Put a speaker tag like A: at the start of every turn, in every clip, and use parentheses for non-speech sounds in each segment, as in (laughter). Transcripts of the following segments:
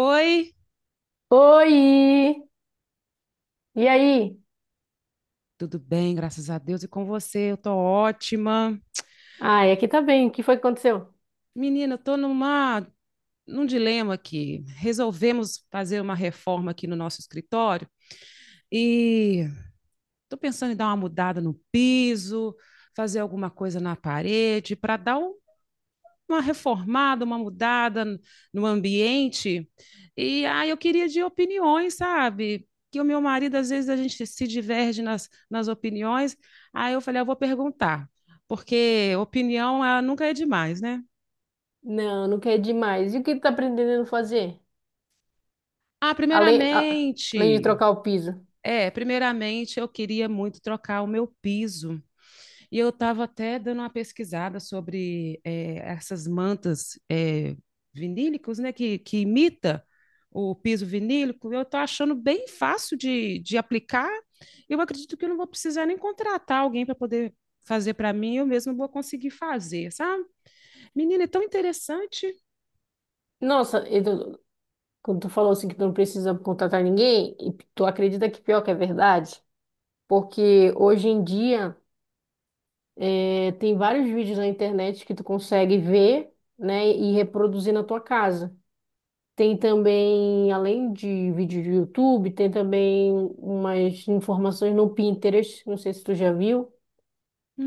A: Oi,
B: Oi! E aí?
A: tudo bem, graças a Deus, e com você? Eu tô ótima.
B: Ai, aqui tá bem. O que foi que aconteceu?
A: Menina, eu tô num dilema aqui. Resolvemos fazer uma reforma aqui no nosso escritório e tô pensando em dar uma mudada no piso, fazer alguma coisa na parede para dar uma reformada, uma mudada no ambiente. E ah, eu queria de opiniões, sabe? Que o meu marido, às vezes, a gente se diverge nas opiniões. Aí eu falei, "Ah, eu vou perguntar, porque opinião ela nunca é demais, né?"
B: Não, não quer demais. E o que tu tá aprendendo a fazer?
A: Ah,
B: Além, além de
A: primeiramente,
B: trocar o piso.
A: é, primeiramente eu queria muito trocar o meu piso. E eu estava até dando uma pesquisada sobre essas mantas vinílicas, né, que imita o piso vinílico. Eu estou achando bem fácil de aplicar. Eu acredito que eu não vou precisar nem contratar alguém para poder fazer para mim, eu mesma vou conseguir fazer, sabe? Menina, é tão interessante.
B: Nossa, quando tu falou assim que tu não precisa contratar ninguém, e tu acredita que pior que é verdade? Porque hoje em dia tem vários vídeos na internet que tu consegue ver, né, e reproduzir na tua casa. Tem também, além de vídeo do YouTube, tem também umas informações no Pinterest, não sei se tu já viu.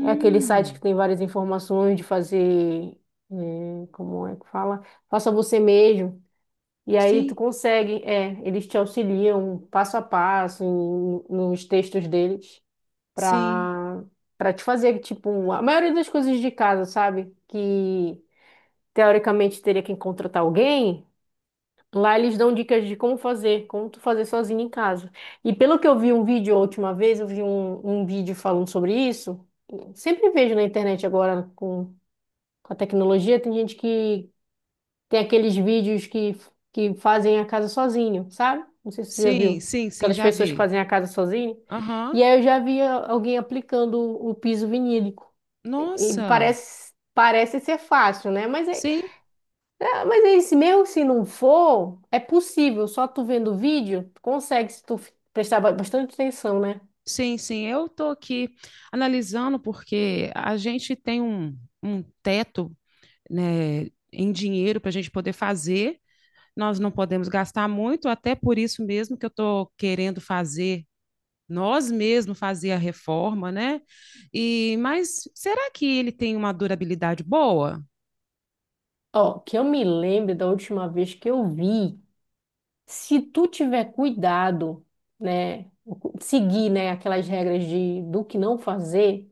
B: É aquele site que tem várias informações de fazer, como é que fala? Faça você mesmo. E aí tu
A: sim,
B: consegue, eles te auxiliam passo a passo nos textos deles
A: sim,
B: para para te fazer, tipo, a maioria das coisas de casa, sabe? Que teoricamente teria que contratar alguém. Lá eles dão dicas de como fazer, como tu fazer sozinho em casa. E pelo que eu vi um vídeo a última vez, eu vi um vídeo falando sobre isso. Sempre vejo na internet agora com a tecnologia, tem gente que tem aqueles vídeos que fazem a casa sozinho, sabe? Não sei se tu já
A: sim,
B: viu.
A: sim, sim,
B: Aquelas
A: já
B: pessoas que
A: vi.
B: fazem a casa sozinho.
A: Aham.
B: E aí eu já vi alguém aplicando o piso vinílico. E
A: Nossa,
B: parece ser fácil, né? Mas é
A: sim.
B: é, mas aí, se mesmo se não for, é possível, só tu vendo o vídeo, tu consegue, se tu prestar bastante atenção, né?
A: Sim, sim, eu estou aqui analisando porque a gente tem um teto, né, em dinheiro para a gente poder fazer, nós não podemos gastar muito, até por isso mesmo que eu estou querendo fazer, nós mesmos fazer a reforma, né? E, mas será que ele tem uma durabilidade boa?
B: Ó, que eu me lembre da última vez que eu vi, se tu tiver cuidado, né, seguir, né, aquelas regras de, do que não fazer,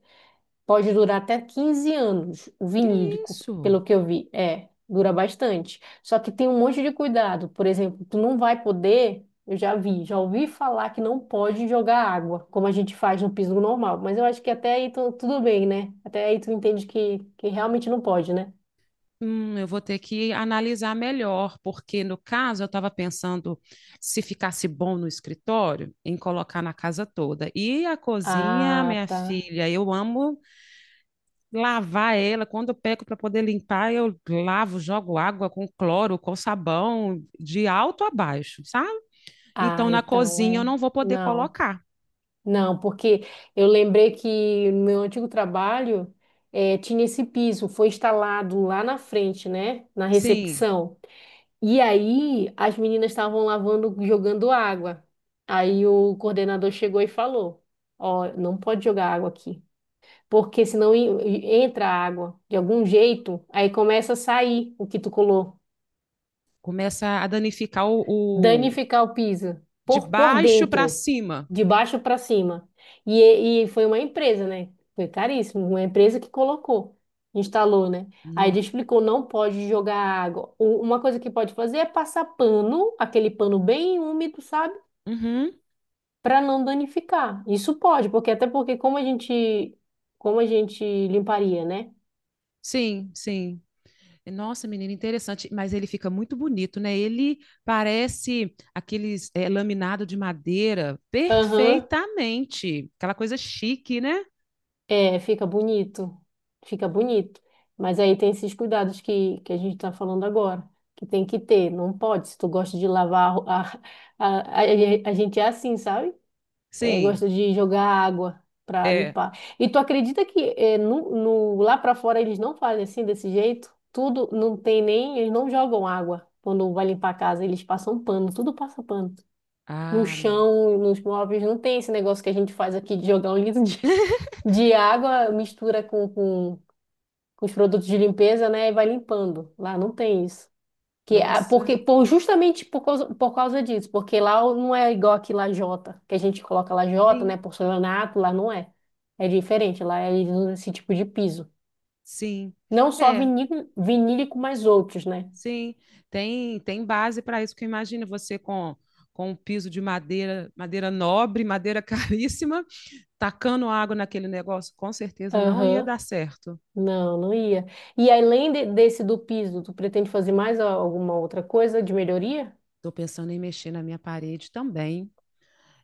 B: pode durar até 15 anos, o
A: Que
B: vinílico,
A: isso?
B: pelo que eu vi. É, dura bastante. Só que tem um monte de cuidado. Por exemplo, tu não vai poder, eu já vi, já ouvi falar que não pode jogar água, como a gente faz no piso normal. Mas eu acho que até aí tudo bem, né? Até aí tu entende que realmente não pode, né?
A: Eu vou ter que analisar melhor, porque no caso eu estava pensando se ficasse bom no escritório, em colocar na casa toda. E a cozinha,
B: Ah,
A: minha
B: tá.
A: filha, eu amo lavar ela. Quando eu pego para poder limpar, eu lavo, jogo água com cloro, com sabão, de alto a baixo, sabe? Então
B: Ah,
A: na
B: então
A: cozinha eu
B: é.
A: não vou poder
B: Não.
A: colocar.
B: Não, porque eu lembrei que no meu antigo trabalho tinha esse piso, foi instalado lá na frente, né? Na
A: Sim,
B: recepção. E aí as meninas estavam lavando, jogando água. Aí o coordenador chegou e falou: Ó, não pode jogar água aqui, porque senão entra água de algum jeito, aí começa a sair o que tu colou.
A: começa a danificar o-
B: Danificar o piso
A: de
B: por
A: baixo para
B: dentro,
A: cima.
B: de baixo para cima. E foi uma empresa, né? Foi caríssimo, uma empresa que colocou, instalou, né? Aí ele
A: Nó.
B: explicou, não pode jogar água. Uma coisa que pode fazer é passar pano, aquele pano bem úmido, sabe?
A: Uhum.
B: Para não danificar. Isso pode, porque até porque como a gente limparia, né?
A: Sim, sim. Nossa, menina, interessante. Mas ele fica muito bonito, né? Ele parece aqueles laminado de madeira
B: Aham.
A: perfeitamente. Aquela coisa chique, né?
B: É, fica bonito, fica bonito. Mas aí tem esses cuidados que a gente está falando agora, que tem que ter. Não pode, se tu gosta de lavar, a, ro- a gente é assim, sabe? É,
A: Sim,
B: gosta de jogar água para
A: é.
B: limpar. E tu acredita que lá para fora eles não fazem assim, desse jeito? Tudo, não tem nem, eles não jogam água quando vai limpar a casa, eles passam pano, tudo passa pano. No
A: Ah,
B: chão, nos móveis, não tem esse negócio que a gente faz aqui de jogar um (laughs) litro de
A: (laughs)
B: de água, mistura com os produtos de limpeza, né? E vai limpando. Lá não tem isso. Que,
A: nossa,
B: porque, justamente por causa disso, porque lá não é igual aqui lajota, que a gente coloca lajota, né?
A: sim,
B: Porcelanato, lá não é. É diferente, lá eles usam esse tipo de piso.
A: sim.
B: Não só
A: É,
B: vinílico, vinílico, mas outros, né?
A: sim. Tem base para isso, que imagina você com um piso de madeira, madeira nobre, madeira (laughs) caríssima, tacando água naquele negócio, com certeza não ia
B: Aham.
A: dar certo.
B: Não, não ia. E além desse do piso, tu pretende fazer mais alguma outra coisa de melhoria?
A: Estou pensando em mexer na minha parede também.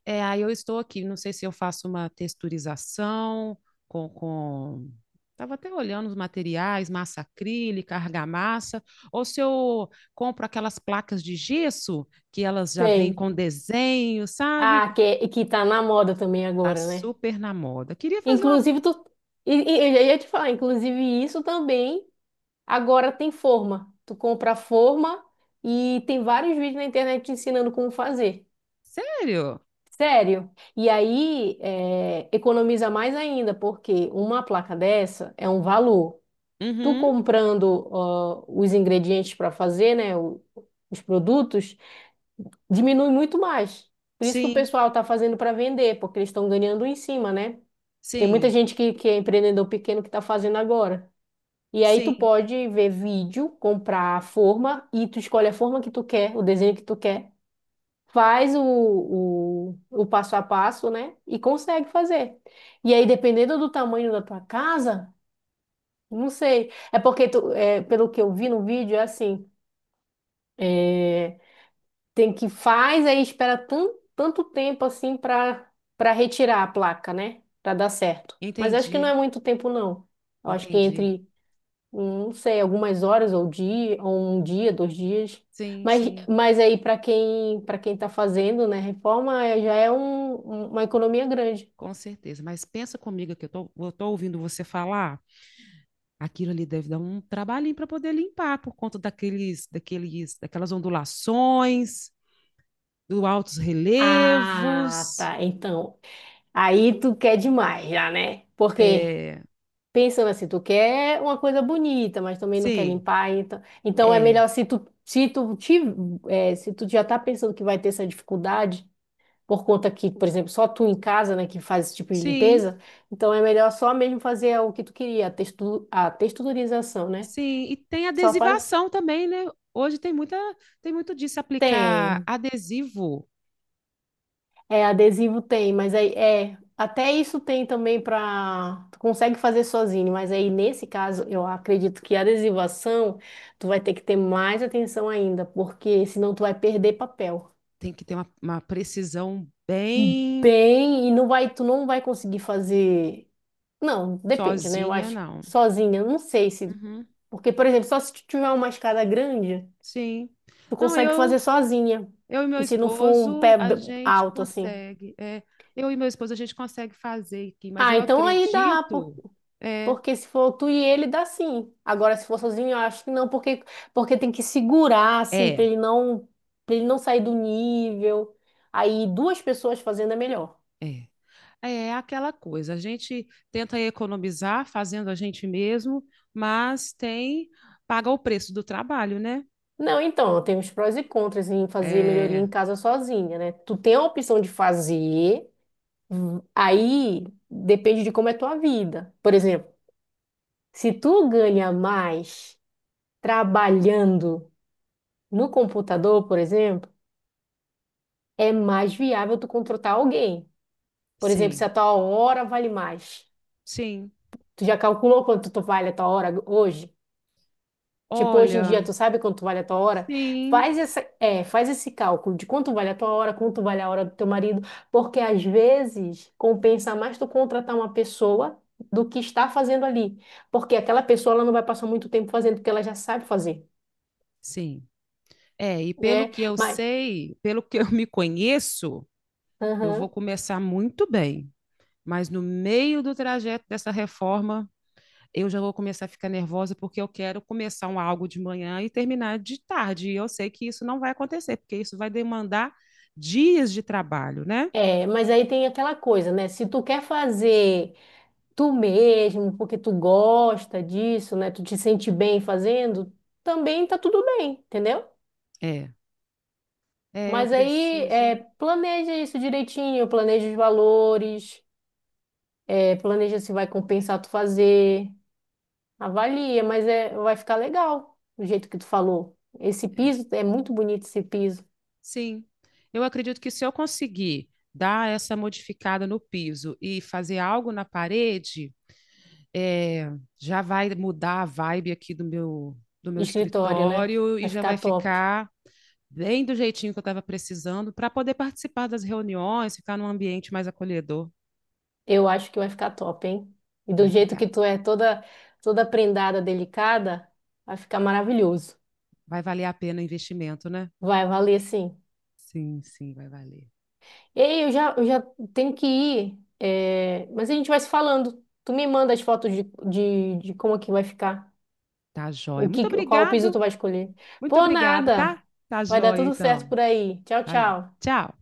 A: É, aí eu estou aqui, não sei se eu faço uma texturização com, com... Estava até olhando os materiais, massa acrílica, argamassa, ou se eu compro aquelas placas de gesso que elas já vêm
B: Sei.
A: com desenho, sabe?
B: Ah, que tá na moda também
A: Tá
B: agora, né?
A: super na moda. Queria fazer.
B: Inclusive, tu. E eu já ia te falar, inclusive, isso também agora tem forma. Tu compra a forma e tem vários vídeos na internet te ensinando como fazer.
A: Sério?
B: Sério. E aí, economiza mais ainda, porque uma placa dessa é um valor. Tu
A: Uhum.
B: comprando, ó, os ingredientes para fazer, né? Os produtos, diminui muito mais. Por isso que o
A: Sim,
B: pessoal tá fazendo para vender, porque eles estão ganhando em cima, né? Tem muita
A: sim,
B: gente que é empreendedor pequeno que está fazendo agora. E aí tu
A: sim.
B: pode ver vídeo, comprar a forma e tu escolhe a forma que tu quer, o desenho que tu quer. Faz o passo a passo, né? E consegue fazer. E aí, dependendo do tamanho da tua casa, não sei. É porque, pelo que eu vi no vídeo, é assim. é, Tem que faz, aí espera tanto, tanto tempo assim para retirar a placa, né? Para dar certo. Mas acho que não é
A: Entendi,
B: muito tempo, não. Eu acho que
A: entendi.
B: entre, não sei, algumas horas ou dia, ou um dia, 2 dias.
A: Sim,
B: Mas,
A: sim,
B: mas aí para quem está fazendo, né, reforma já é uma economia grande.
A: com certeza. Mas pensa comigo que eu tô ouvindo você falar. Aquilo ali deve dar um trabalhinho para poder limpar por conta daquelas ondulações, dos altos
B: Ah,
A: relevos.
B: tá. Então, aí tu quer demais já, né? Por quê?
A: É,
B: Pensando assim, tu quer uma coisa bonita, mas também não quer
A: sim,
B: limpar, então, é
A: é,
B: melhor se tu já tá pensando que vai ter essa dificuldade, por conta que, por exemplo, só tu em casa, né, que faz esse tipo de
A: sim,
B: limpeza, então é melhor só mesmo fazer o que tu queria, a texturização, né?
A: sim. E tem
B: Só faz.
A: adesivação também, né? Hoje tem muito disso. Aplicar
B: Tem,
A: adesivo
B: é, adesivo tem, mas aí até isso tem também para tu consegue fazer sozinho, mas aí nesse caso eu acredito que a adesivação tu vai ter que ter mais atenção ainda, porque senão tu vai perder papel.
A: tem que ter uma precisão bem
B: Bem, e não vai, tu não vai conseguir fazer. Não, depende, né? Eu
A: sozinha,
B: acho que
A: não.
B: sozinha, não sei se,
A: Uhum,
B: porque por exemplo, só se tu tiver uma escada grande,
A: sim.
B: tu
A: Não,
B: consegue
A: eu
B: fazer sozinha.
A: Eu e meu
B: E se não for um
A: esposo,
B: pé
A: a gente
B: alto assim.
A: consegue. Eu e meu esposo, a gente consegue fazer aqui, mas
B: Ah,
A: eu
B: então aí dá,
A: acredito. É,
B: porque se for tu e ele, dá sim. Agora, se for sozinho, eu acho que não, porque tem que segurar, assim, pra
A: é,
B: ele não, pra ele não sair do nível. Aí, duas pessoas fazendo é melhor.
A: é. É aquela coisa. A gente tenta economizar fazendo a gente mesmo, mas tem. Paga o preço do trabalho, né?
B: Não, então, tem os prós e contras em fazer melhoria em
A: É,
B: casa sozinha, né? Tu tem a opção de fazer, aí depende de como é tua vida. Por exemplo, se tu ganha mais trabalhando no computador, por exemplo, é mais viável tu contratar alguém. Por exemplo, se
A: sim,
B: a tua hora vale mais.
A: sim.
B: Tu já calculou quanto tu vale a tua hora hoje? Tipo, hoje em
A: Olha,
B: dia, tu sabe quanto vale a tua hora?
A: sim,
B: Faz esse cálculo de quanto vale a tua hora, quanto vale a hora do teu marido, porque às vezes compensa mais tu contratar uma pessoa do que está fazendo ali. Porque aquela pessoa, ela não vai passar muito tempo fazendo, porque ela já sabe fazer.
A: sim. É, e pelo
B: É,
A: que eu
B: mas,
A: sei, pelo que eu me conheço, eu vou
B: aham.
A: começar muito bem. Mas no meio do trajeto dessa reforma, eu já vou começar a ficar nervosa porque eu quero começar um algo de manhã e terminar de tarde. E eu sei que isso não vai acontecer, porque isso vai demandar dias de trabalho, né?
B: É, mas aí tem aquela coisa, né? Se tu quer fazer tu mesmo, porque tu gosta disso, né? Tu te sente bem fazendo, também tá tudo bem, entendeu?
A: É, é, eu
B: Mas aí
A: preciso.
B: planeja isso direitinho, planeja os valores, planeja se vai compensar tu fazer, avalia, mas vai ficar legal do jeito que tu falou. Esse piso é muito bonito esse piso,
A: Sim, eu acredito que se eu conseguir dar essa modificada no piso e fazer algo na parede, é, já vai mudar a vibe aqui do meu
B: escritório, né?
A: escritório e
B: Vai
A: já
B: ficar
A: vai
B: top.
A: ficar bem do jeitinho que eu estava precisando para poder participar das reuniões, ficar num ambiente mais acolhedor.
B: Eu acho que vai ficar top, hein? E do
A: Vai
B: jeito
A: ficar.
B: que tu é toda prendada, delicada, vai ficar maravilhoso.
A: Vai valer a pena o investimento, né?
B: Vai valer sim.
A: Sim, sim, vai valer.
B: Ei, eu já tenho que ir, mas a gente vai se falando. Tu me manda as fotos de como é que vai ficar,
A: Tá joia. Muito
B: qual piso
A: obrigado.
B: tu vai escolher.
A: Muito
B: Por
A: obrigada, tá?
B: nada,
A: Tá
B: vai dar
A: joia,
B: tudo certo
A: então.
B: por aí. Tchau,
A: Tá.
B: tchau.
A: Tchau.